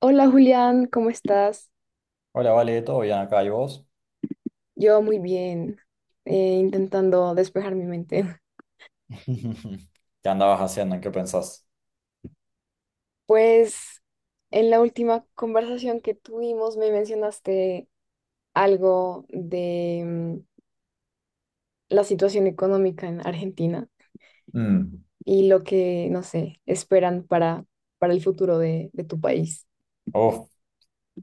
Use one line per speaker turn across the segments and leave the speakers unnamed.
Hola Julián, ¿cómo estás?
Hola, Vale, ¿todo bien acá? ¿Y vos?
Yo muy bien, intentando despejar mi mente.
¿Qué andabas haciendo? ¿En qué pensás?
Pues en la última conversación que tuvimos me mencionaste algo de la situación económica en Argentina
Mm,
y lo que, no sé, esperan para el futuro de tu país.
uf,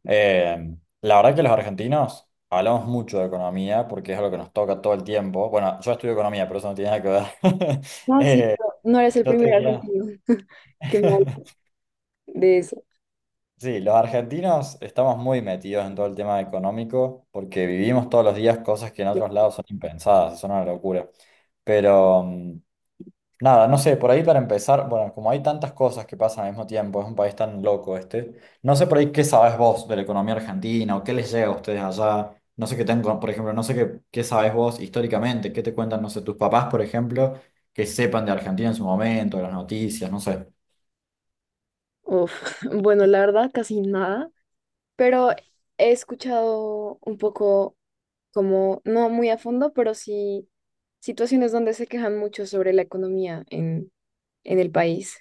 eh, la verdad que los argentinos hablamos mucho de economía porque es algo que nos toca todo el tiempo. Bueno, yo estudio economía, pero eso no tiene nada que ver.
No, sí.
Eh,
No eres el
yo te
primer
diría...
argentino que me habla de eso.
Sí, los argentinos estamos muy metidos en todo el tema económico porque vivimos todos los días cosas que en otros lados son impensadas, son una locura. Pero nada, no sé, por ahí para empezar, bueno, como hay tantas cosas que pasan al mismo tiempo, es un país tan loco este, no sé por ahí qué sabes vos de la economía argentina o qué les llega a ustedes allá, no sé qué tengo, por ejemplo, no sé qué sabes vos históricamente, qué te cuentan, no sé, tus papás, por ejemplo, que sepan de Argentina en su momento, de las noticias, no sé.
Uf, bueno, la verdad, casi nada, pero he escuchado un poco como, no muy a fondo, pero sí situaciones donde se quejan mucho sobre la economía en el país.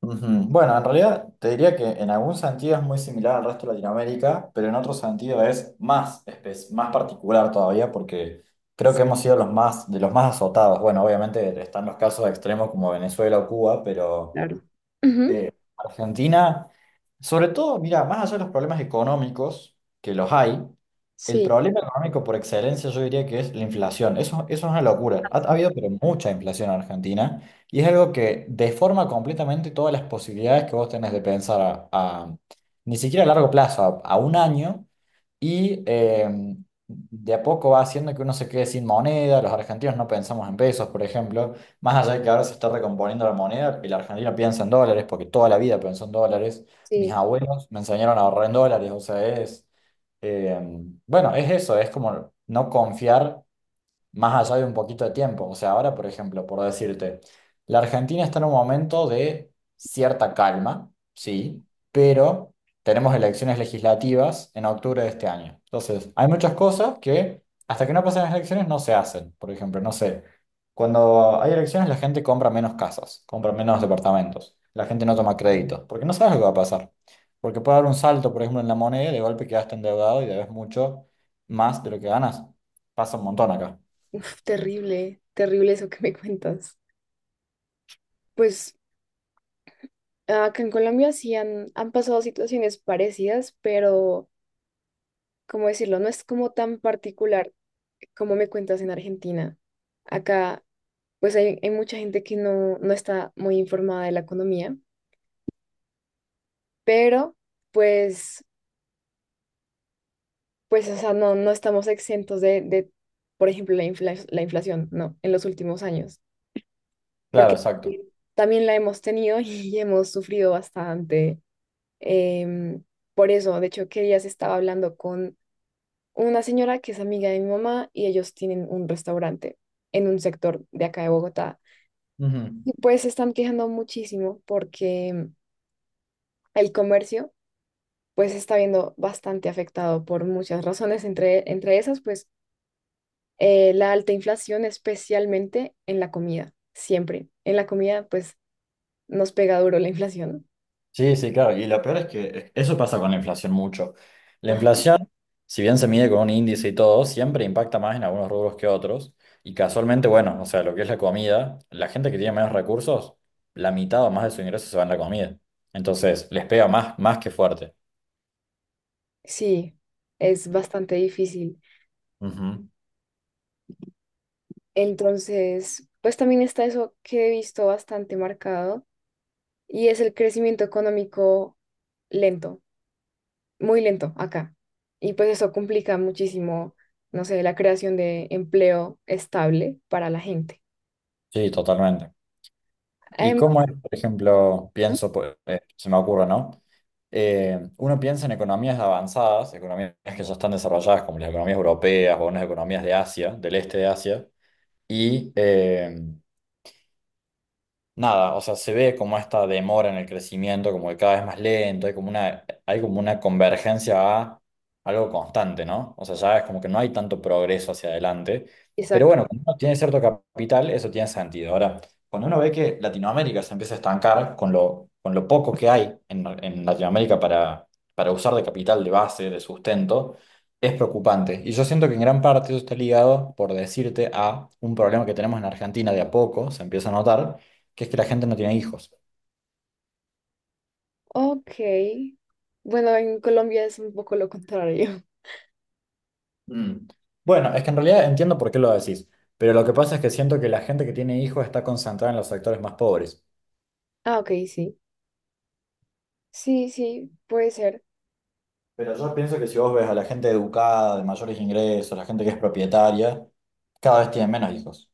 Ujú. Bueno, en realidad te diría que en algún sentido es muy similar al resto de Latinoamérica, pero en otro sentido es más particular todavía porque creo
Sí,
que hemos sido de los más azotados. Bueno, obviamente están los casos extremos como Venezuela o Cuba, pero
claro. Ujú,
eh, Argentina. Sobre todo, mira, más allá de los problemas económicos, que los hay, el
sí,
problema económico por excelencia yo diría que es la inflación. Eso es una locura. Ha habido pero mucha inflación en Argentina y es algo que deforma completamente todas las posibilidades que vos tenés de pensar ni siquiera a largo plazo, a un año, y de a poco va haciendo que uno se quede sin moneda. Los argentinos no pensamos en pesos, por ejemplo, más allá de que ahora se está recomponiendo la moneda. El argentino piensa en dólares, porque toda la vida pensó en dólares. Mis
sí.
abuelos me enseñaron a ahorrar en dólares, o sea, bueno, es eso, es como no confiar más allá de un poquito de tiempo. O sea, ahora, por ejemplo, por decirte, la Argentina está en un momento de cierta calma, sí, pero tenemos elecciones legislativas en octubre de este año. Entonces, hay muchas cosas que hasta que no pasen las elecciones no se hacen. Por ejemplo, no sé, cuando hay elecciones la gente compra menos casas, compra menos departamentos, la gente no toma créditos, porque no sabes lo que va a pasar. Porque puede haber un salto, por ejemplo, en la moneda y de golpe quedaste endeudado y debes mucho más de lo que ganas. Pasa un montón acá.
Uf, terrible, terrible eso que me cuentas. Pues acá en Colombia sí han pasado situaciones parecidas, pero, ¿cómo decirlo? No es como tan particular como me cuentas en Argentina. Acá, pues hay mucha gente que no está muy informada de la economía, pero pues pues, o sea, no estamos exentos por ejemplo, la inflación, no, en los últimos años,
Claro,
porque
exacto.
también la hemos tenido y hemos sufrido bastante. em, por eso, de hecho, que días estaba hablando con una señora que es amiga de mi mamá y ellos tienen un restaurante en un sector de acá de Bogotá.
Ujú.
Y pues se están quejando muchísimo porque el comercio pues se está viendo bastante afectado por muchas razones, entre esas, pues la alta inflación, especialmente en la comida, siempre. En la comida, pues nos pega duro la inflación.
Sí, sí, claro. Y lo peor es que eso pasa con la inflación mucho. La
Ajá.
inflación, si bien se mide con un índice y todo, siempre impacta más en algunos rubros que otros. Y casualmente, bueno, o sea, lo que es la comida, la gente que tiene menos recursos, la mitad o más de su ingreso se va en la comida. Entonces, les pega más, más que fuerte.
Sí, es bastante difícil.
Ujú.
Entonces, pues también está eso que he visto bastante marcado y es el crecimiento económico lento, muy lento acá. Y pues eso complica muchísimo, no sé, la creación de empleo estable para la gente.
Sí, totalmente. ¿Y cómo
Además,
es, por ejemplo, pienso, pues, se me ocurre, ¿no? Uno piensa en economías avanzadas, economías que ya están desarrolladas, como las economías europeas o unas economías de Asia, del este de Asia, y nada, o sea, se ve como esta demora en el crecimiento, como que cada vez más lento, hay como una convergencia a algo constante, ¿no? O sea, ya es como que no hay tanto progreso hacia adelante. Pero
exacto.
bueno, claro, cuando uno tiene cierto capital, eso tiene sentido. Ahora, cuando uno ve que Latinoamérica se empieza a estancar con con lo poco que hay en Latinoamérica para usar de capital, de base, de sustento, es preocupante. Y yo siento que en gran parte eso está ligado, por decirte, a un problema que tenemos en Argentina de a poco, se empieza a notar que es que la gente no tiene hijos.
Ok. Bueno, en Colombia es un poco lo contrario.
Mm, Bueno, es que en realidad entiendo por qué lo decís, pero lo que pasa es que siento que la gente que tiene hijos está concentrada en los sectores más pobres.
Ah, ok, sí. Sí, sí, puede ser.
Pero yo pienso que si vos ves a la gente educada, de mayores ingresos, la gente que es propietaria, cada vez tienen menos hijos.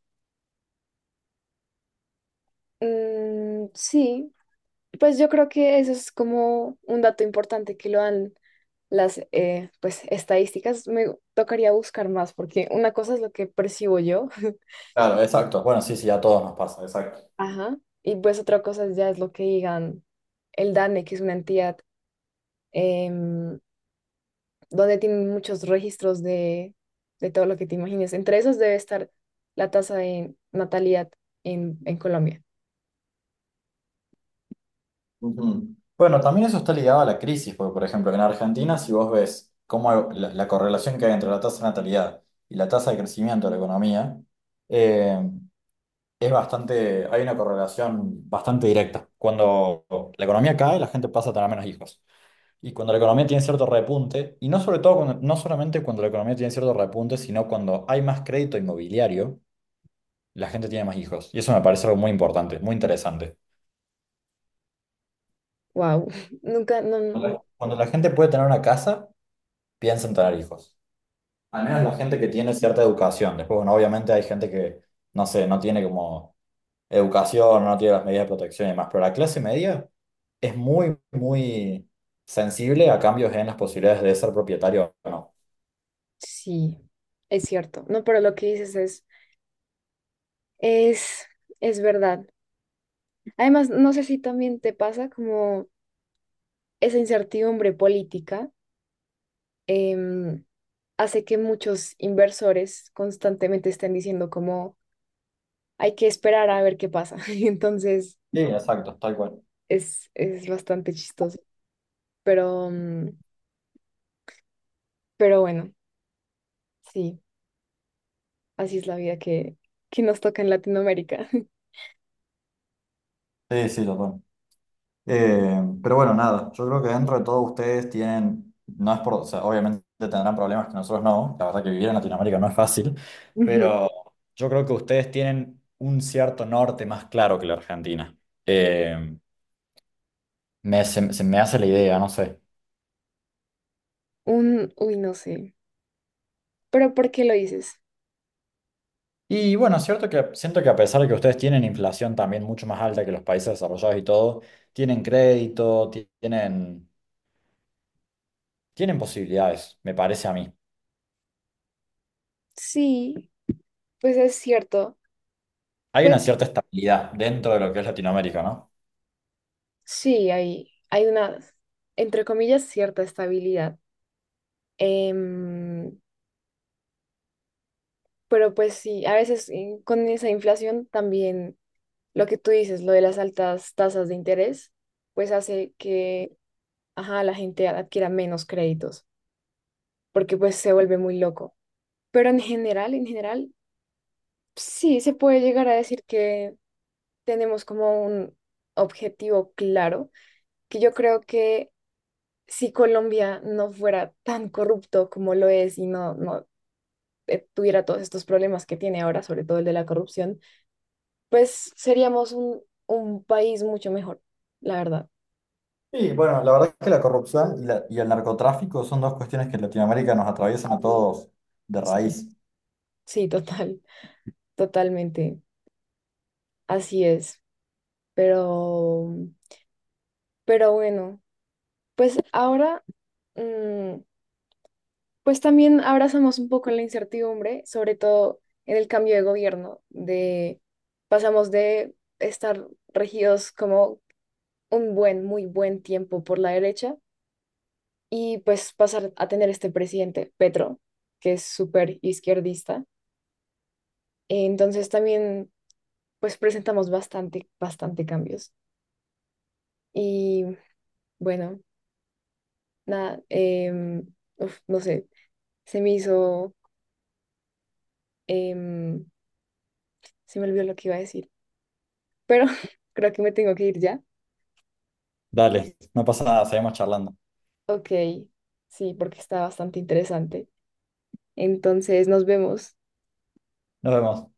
Mm, sí, pues yo creo que eso es como un dato importante que lo dan las pues, estadísticas. Me tocaría buscar más porque una cosa es lo que percibo yo,
Claro, exacto. Bueno, sí, sí, a todos nos pasa, exacto.
ajá, y pues otra cosa ya es lo que digan el DANE, que es una entidad em, donde tienen muchos registros de todo lo que te imagines. Entre esos debe estar la tasa de natalidad en Colombia.
Ujú. Bueno, también eso está ligado a la crisis, porque por ejemplo, en Argentina, si vos ves cómo la correlación que hay entre la tasa de natalidad y la tasa de crecimiento de la economía, eh, es bastante, hay una correlación bastante directa. Cuando la economía cae, la gente pasa a tener menos hijos. Y cuando la economía tiene cierto repunte, y no sobre todo, no solamente cuando la economía tiene cierto repunte, sino cuando hay más crédito inmobiliario, la gente tiene más hijos. Y eso me parece algo muy importante, muy interesante.
Wow, nunca,
Cuando
no,
la cuando la gente puede tener una casa, piensa en tener hijos. Al menos la gente que tiene cierta educación. Después, bueno, obviamente hay gente que, no sé, no tiene como educación, no tiene las medidas de protección y demás, pero la clase media es muy, muy sensible a cambios en las posibilidades de ser propietario o no.
sí, es cierto. No, pero lo que dices es, es verdad. Además, no sé si también te pasa como esa incertidumbre política em, hace que muchos inversores constantemente estén diciendo como hay que esperar a ver qué pasa. Y entonces
Sí, exacto, tal cual.
es bastante chistoso. Pero, mm, pero bueno, sí, así es la vida que nos toca en Latinoamérica.
Sí, sí, total. Pero bueno, nada, yo creo que dentro de todo ustedes tienen, no es por, o sea, obviamente tendrán problemas que nosotros no, la verdad que vivir en Latinoamérica no es fácil,
Ujú.
pero yo creo que ustedes tienen un cierto norte más claro que la Argentina. Eh, Me, se me hace la idea, no sé.
Un, uy, no sé. Pero ¿por qué lo dices?
Y bueno, es cierto que siento que a pesar de que ustedes tienen inflación también mucho más alta que los países desarrollados y todo, tienen crédito, tienen, tienen posibilidades, me parece a mí.
Sí. Pues es cierto,
Hay
pues
una cierta estabilidad dentro de lo que es Latinoamérica, ¿no?
sí, hay una, entre comillas, cierta estabilidad. Em, pero pues sí, a veces con esa inflación también lo que tú dices, lo de las altas tasas de interés, pues hace que, ajá, la gente adquiera menos créditos, porque pues se vuelve muy loco. Pero en general, sí, se puede llegar a decir que tenemos como un objetivo claro, que yo creo que si Colombia no fuera tan corrupto como lo es y no tuviera todos estos problemas que tiene ahora, sobre todo el de la corrupción, pues seríamos un país mucho mejor, la verdad.
Sí, bueno, la verdad es que la corrupción y el narcotráfico son dos cuestiones que en Latinoamérica nos atraviesan a todos de
Sí,
raíz.
sí, total, totalmente. Así es. Pero, pero bueno, pues ahora, mm, pues también abrazamos un poco la incertidumbre, sobre todo en el cambio de gobierno, de pasamos de estar regidos como un buen, muy buen tiempo por la derecha y pues pasar a tener este presidente, Petro, que es súper izquierdista. Entonces también pues presentamos bastante, bastante cambios. Y bueno, nada, uf, no sé, se me hizo, em, se me olvidó lo que iba a decir, pero creo que me tengo que ir ya.
Dale, no pasa nada, seguimos charlando.
Ok, sí, porque está bastante interesante. Entonces nos vemos.
Nos vemos.